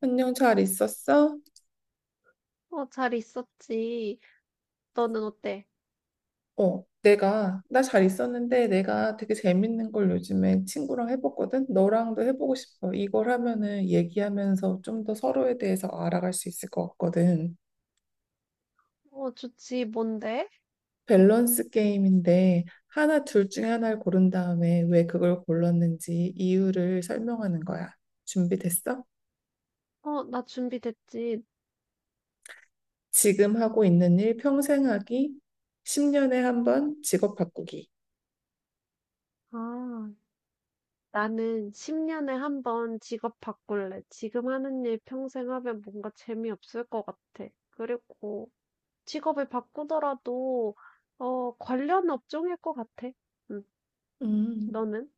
안녕, 잘 있었어? 어, 잘 있었지. 너는 어때? 나 잘 있었는데 내가 되게 재밌는 걸 요즘에 친구랑 해봤거든? 너랑도 해보고 싶어. 이걸 하면은 얘기하면서 좀 더 서로에 대해서 알아갈 수 있을 것 같거든. 어, 좋지. 뭔데? 밸런스 게임인데 하나, 둘 중에 하나를 고른 다음에 왜 그걸 골랐는지 이유를 설명하는 거야. 준비됐어? 어, 나 준비됐지. 지금 하고 있는 일 평생 하기, 10년에 한 번 직업 바꾸기. 아, 나는 10년에 한 번 직업 바꿀래. 지금 하는 일 평생 하면 뭔가 재미없을 것 같아. 그리고 직업을 바꾸더라도, 관련 업종일 것 같아. 응, 음. 너는?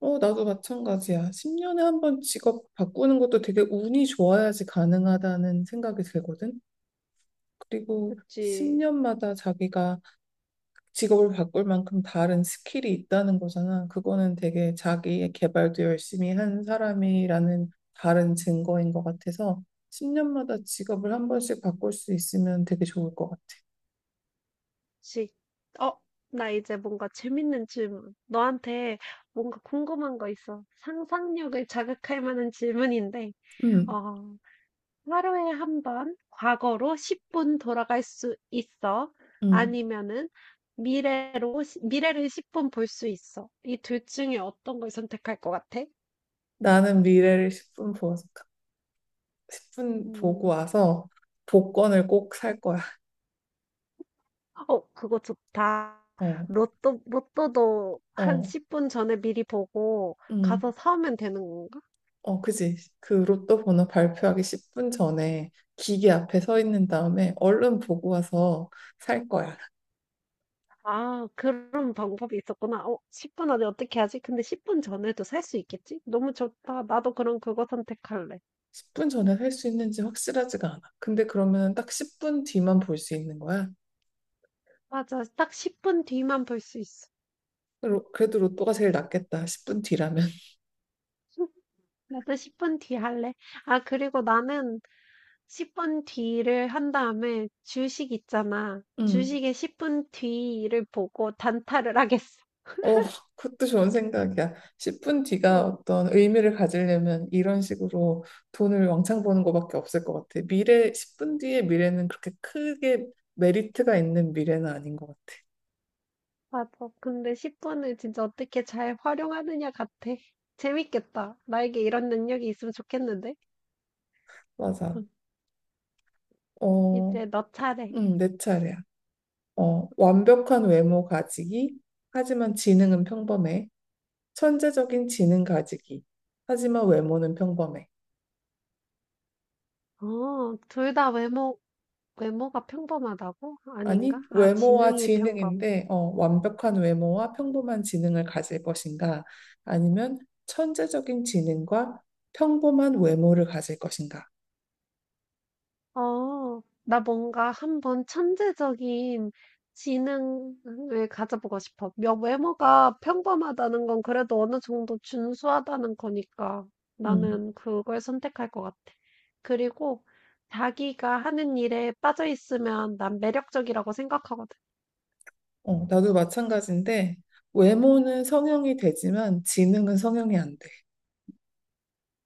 어, 나도 마찬가지야. 10년에 한 번 직업 바꾸는 것도 되게 운이 좋아야지 가능하다는 생각이 들거든. 그리고 그치. 10년마다 자기가 직업을 바꿀 만큼 다른 스킬이 있다는 거잖아. 그거는 되게 자기의 개발도 열심히 한 사람이라는 다른 증거인 것 같아서 10년마다 직업을 한 번씩 바꿀 수 있으면 되게 좋을 것 같아. 지. 어, 나 이제 뭔가 재밌는 질문. 너한테 뭔가 궁금한 거 있어. 상상력을 자극할 만한 질문인데. 음, 어, 하루에 한 번 과거로 10분 돌아갈 수 있어. 음. 아니면은 미래로 시 미래를 10분 볼 수 있어. 이 둘 중에 어떤 걸 선택할 것 같아? 나는 미래를 10분 보고 음. 와서 복권을 꼭 살 거야. 어 그거 좋다. 어. 로또도 한 어. 10분 전에 미리 보고 가서 음, 사오면 되는 건가? 어, 그지. 그 로또 번호 발표하기 10분 전에 기계 앞에 서 있는 다음에 얼른 보고 와서 살 거야. 아 그런 방법이 있었구나. 어 10분 안에 어떻게 하지? 근데 10분 전에도 살 수 있겠지? 너무 좋다. 나도 그럼 그거 선택할래. 10분 전에 살 수 있는지 확실하지가 않아. 근데 그러면 딱 10분 뒤만 볼 수 있는 거야. 맞아. 딱 10분 뒤만 볼 수 있어. 그래도 로또가 제일 낫겠다. 10분 뒤라면. 나도 10분 뒤 할래. 아, 그리고 나는 10분 뒤를 한 다음에 주식 있잖아. 음, 주식의 10분 뒤를 보고 단타를 하겠어. 어, 그것도 좋은 생각이야. 10분 뒤가 어, 어떤 의미를 가지려면 이런 식으로 돈을 왕창 버는 것밖에 없을 것 같아. 미래, 10분 뒤의 미래는 그렇게 크게 메리트가 있는 미래는 아닌 것 같아. 맞아. 근데 10분을 진짜 어떻게 잘 활용하느냐 같아. 재밌겠다. 나에게 이런 능력이 있으면 좋겠는데? 맞아. 응, 어, 이제 너 차례. 내 차례야. 어, 완벽한 외모 가지기, 하지만 지능은 평범해. 천재적인 지능 가지기, 하지만 외모는 평범해. 어, 둘 다 외모가 평범하다고? 아니, 아닌가? 아, 외모와 지능이 평범. 지능인데, 어, 완벽한 외모와 평범한 지능을 가질 것인가? 아니면 천재적인 지능과 평범한 외모를 가질 것인가? 어, 나 뭔가 한번 천재적인 지능을 가져보고 싶어. 외모가 평범하다는 건 그래도 어느 정도 준수하다는 거니까 음, 나는 그걸 선택할 것 같아. 그리고 자기가 하는 일에 빠져 있으면 난 매력적이라고 생각하거든. 어, 나도 마찬가지인데, 외모는 성형이 되지만 지능은 성형이 안 돼.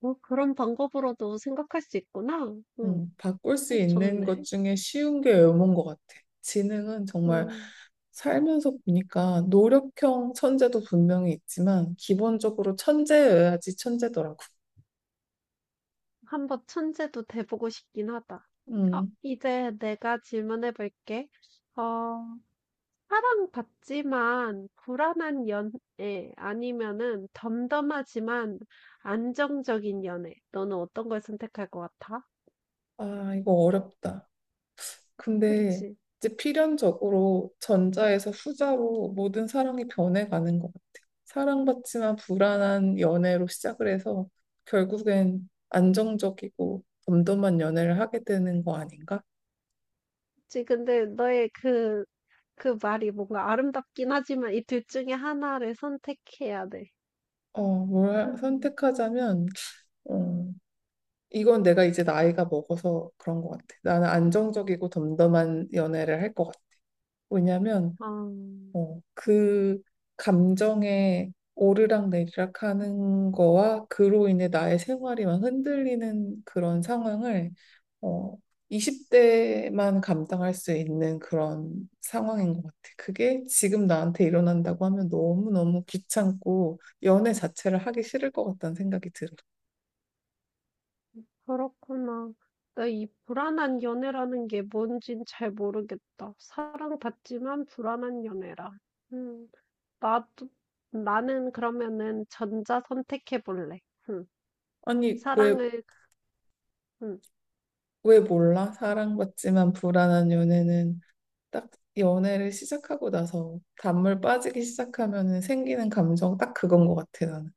뭐 그런 방법으로도 생각할 수 있구나. 음, 바꿀 수 있는 것 좋네. 중에 쉬운 게 외모인 것 같아. 지능은 정말 음, 살면서 보니까 노력형 천재도 분명히 있지만 기본적으로 천재여야지 천재더라고. 한번 천재도 돼보고 싶긴 하다. 어, 음, 이제 내가 질문해 볼게. 어, 사랑받지만 불안한 연애 아니면은 덤덤하지만 안정적인 연애. 너는 어떤 걸 선택할 것 같아? 아, 이거 어렵다. 근데 그치? 이제 필연적으로 전자에서 후자로 모든 사랑이 변해가는 것 같아. 사랑받지만 불안한 연애로 시작을 해서 결국엔 안정적이고 덤덤한 연애를 하게 되는 거 아닌가? 그치? 근데 너의 그 말이 뭔가 아름답긴 하지만 이 둘 중에 하나를 선택해야 돼. 어, 뭘 음, 선택하자면, 어, 이건 내가 이제 나이가 먹어서 그런 것 같아. 나는 안정적이고 덤덤한 연애를 할 것 같아. 왜냐면, 아, 어, 그 감정에 오르락 내리락 하는 거와 그로 인해 나의 생활이 막 흔들리는 그런 상황을 어, 20대만 감당할 수 있는 그런 상황인 것 같아. 그게 지금 나한테 일어난다고 하면 너무너무 귀찮고 연애 자체를 하기 싫을 것 같다는 생각이 들어. 그렇구나. 나 이 불안한 연애라는 게 뭔진 잘 모르겠다. 사랑받지만 불안한 연애라. 음. 나도, 나는 그러면은 전자 선택해 볼래. 응. 아니, 왜, 사랑을, 응. 왜 몰라? 사랑받지만 불안한 연애는 딱 연애를 시작하고 나서 단물 빠지기 시작하면 생기는 감정 딱 그건 것 같아 나는.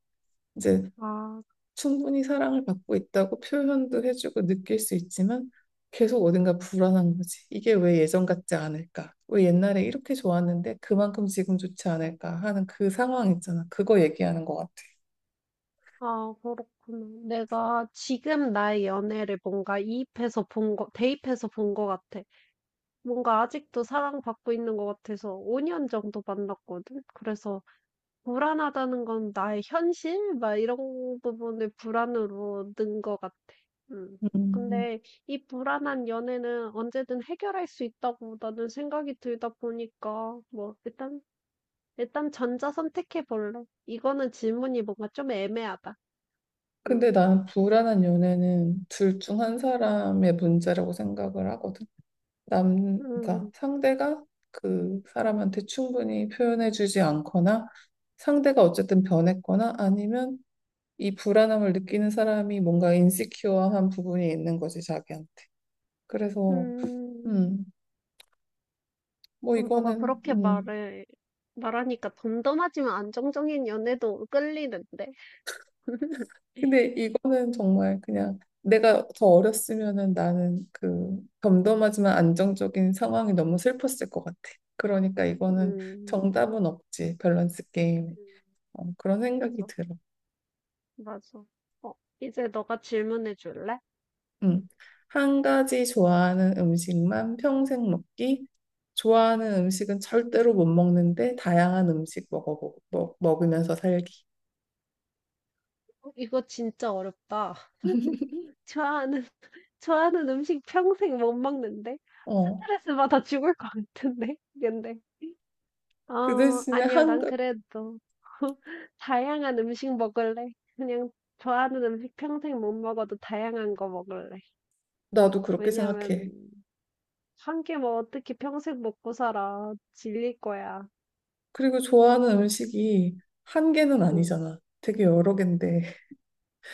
이제 아, 충분히 사랑을 받고 있다고 표현도 해주고 느낄 수 있지만 계속 어딘가 불안한 거지. 이게 왜 예전 같지 않을까? 왜 옛날에 이렇게 좋았는데 그만큼 지금 좋지 않을까 하는 그 상황 있잖아. 그거 얘기하는 것 같아. 아, 그렇구나. 내가 지금 나의 연애를 뭔가 이입해서 본 거, 대입해서 본 거 같아. 뭔가 아직도 사랑받고 있는 거 같아서 5년 정도 만났거든. 그래서 불안하다는 건 나의 현실 막 이런 부분을 불안으로 는 것 같아. 음. 음. 근데 이 불안한 연애는 언제든 해결할 수 있다고 나는 생각이 들다 보니까 뭐 일단 전자 선택해 볼래. 이거는 질문이 뭔가 좀 애매하다. 음. 근데 나는 불안한 연애는 둘 중 한 사람의 문제라고 생각을 하거든. 남, 그러니까 음. 상대가 그 사람한테 충분히 표현해주지 않거나 상대가 어쨌든 변했거나 아니면 이 불안함을 느끼는 사람이 뭔가 인시큐어한 부분이 있는 거지, 자기한테. 그래서, 음. 음, 뭐 어, 너가 이거는, 그렇게 말해 말하니까 덤덤하지만 안정적인 연애도 끌리는데. 근데 이거는 정말 그냥 내가 더 어렸으면은 나는 그 덤덤하지만 안정적인 상황이 너무 슬펐을 것 같아. 그러니까 이거는 음. 정답은 없지, 밸런스 게임에. 음. 어, 그런 생각이 맞아. 들어. 맞아. 어, 이제 너가 질문해 줄래? 음, 한 가지 좋아하는 음식만 평생 먹기. 좋아하는 음식은 절대로 못 먹는데 다양한 음식 먹으면서 살기. 응. 어, 이거 진짜 어렵다. 좋아하는, 좋아하는 음식 평생 못 먹는데? 어. 스트레스 받아 죽을 것 같은데? 근데, 그 대신에 아니야, 난 그래도. 다양한 음식 먹을래. 그냥 좋아하는 음식 평생 못 먹어도 다양한 거 먹을래. 나도 그렇게 생각해. 왜냐면, 한 개 뭐 어떻게 평생 먹고 살아. 질릴 거야. 그리고 좋아하는 응, 음식이 한 개는 응. 아니잖아. 되게 여러 개인데.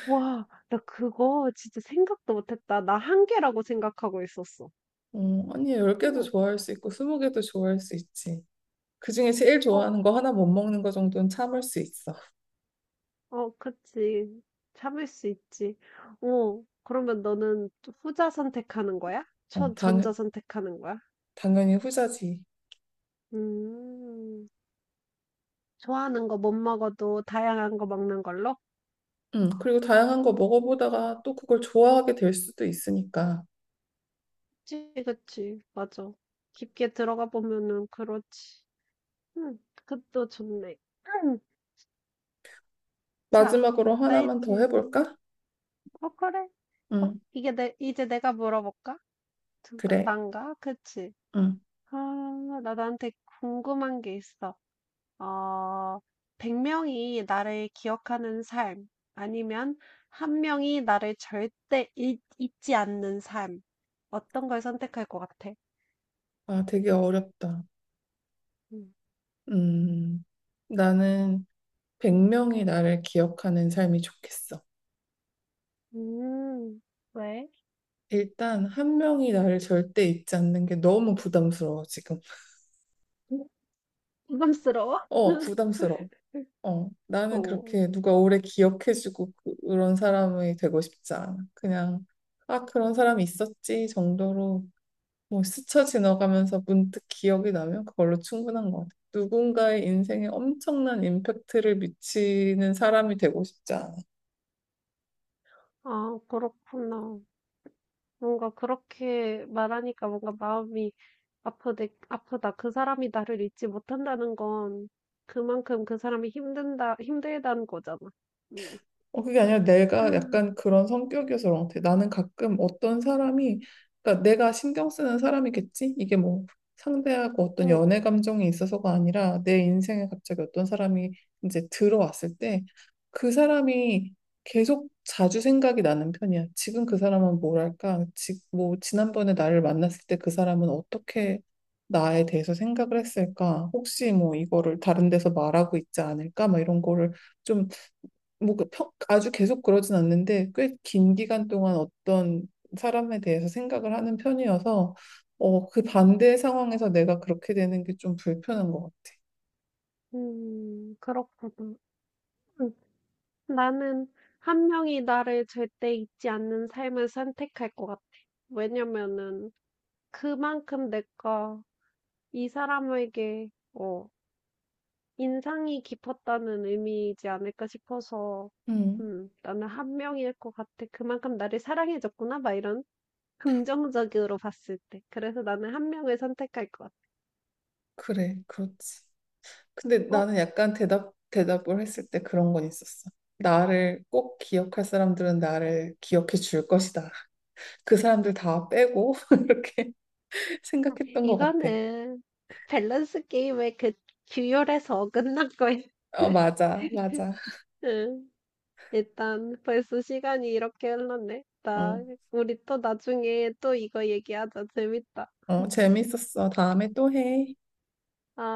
와. 나 그거 진짜 생각도 못 했다. 나 한계라고 생각하고 있었어. 어, 아니 10개도 응. 좋아할 수 있고 20개도 좋아할 수 있지. 그중에 제일 어 좋아하는 거 하나 못 먹는 거 정도는 참을 수 있어. 어 그치. 참을 수 있지. 어 그러면 너는 또 후자 선택하는 거야? 어, 전 전자 선택하는 거야? 당연히 후자지. 음. 좋아하는 거 못 먹어도 다양한 거 먹는 걸로? 그리고 다양한 거 먹어보다가 또 그걸 좋아하게 될 수도 있으니까. 그치, 그치. 맞아. 깊게 들어가 보면은 그렇지. 응 그것도 좋네. 응, 자 마지막으로 나의 하나만 더 질 해볼까? 어 그래. 어 응, 이게 내 이제 내가 물어볼까? 잠깐 그래. 난가? 그치. 응 아, 나 나한테 궁금한 게 있어. 어, 100명이 나를 기억하는 삶, 아니면 한 명이 나를 절대 잊지 않는 삶. 어떤 걸 선택할 것 같아? 아, 되게 어렵다. 음, 음, 나는 100명이 나를 기억하는 삶이 좋겠어. 음, 왜? 일단 한 명이 나를 절대 잊지 않는 게 너무 부담스러워, 지금. 부담스러워? 어, 부담스러워. 어, 나는 오, 그렇게 누가 오래 기억해주고 그런 사람이 되고 싶지 않아. 그냥, 아, 그런 사람이 있었지 정도로 뭐 스쳐 지나가면서 문득 기억이 나면 그걸로 충분한 것 같아요. 누군가의 인생에 엄청난 임팩트를 미치는 사람이 되고 싶지 않아요. 아, 그렇구나. 뭔가 그렇게 말하니까 뭔가 마음이 아프네 아프다. 그 사람이 나를 잊지 못한다는 건 그만큼 그 사람이 힘들다는 거잖아. 음, 어, 그게 아니라 내가 약간 음, 그런 성격이어서 그런 것 같아. 나는 가끔 어떤 사람이, 그러니까 내가 신경 쓰는 사람이겠지? 이게 뭐 상대하고 어떤 연애 감정이 있어서가 아니라 내 인생에 갑자기 어떤 사람이 이제 들어왔을 때 그 사람이 계속 자주 생각이 나는 편이야. 지금 그 사람은 뭐랄까? 뭐 지난번에 나를 만났을 때 그 사람은 어떻게 나에 대해서 생각을 했을까? 혹시 뭐 이거를 다른 데서 말하고 있지 않을까? 막 이런 거를 좀 뭐 아주 계속 그러진 않는데 꽤 긴 기간 동안 어떤 사람에 대해서 생각을 하는 편이어서 어, 그 반대 상황에서 내가 그렇게 되는 게 좀 불편한 것 같아. 그렇구나. 음, 나는 한 명이 나를 절대 잊지 않는 삶을 선택할 것 같아. 왜냐면은 그만큼 내가 이 사람에게 인상이 깊었다는 의미이지 않을까 싶어서, 음, 나는 한 명일 것 같아. 그만큼 나를 사랑해줬구나, 막 이런 긍정적으로 봤을 때. 그래서 나는 한 명을 선택할 것 같아. 그래, 그렇지. 근데 어, 나는 약간 대답을 했을 때 그런 건 있었어. 나를 꼭 기억할 사람들은 나를 기억해 줄 것이다. 그 사람들 다 빼고 이렇게 생각했던 것 같아. 이거는 밸런스 게임의 그 규율에서 어긋난 거야. 어, 맞아, 맞아. 응, 일단 벌써 시간이 이렇게 흘렀네. 나, 어, 우리 또 나중에 또 이거 얘기하자. 재밌다. 어, 재밌었어. 다음에 또 해. 아.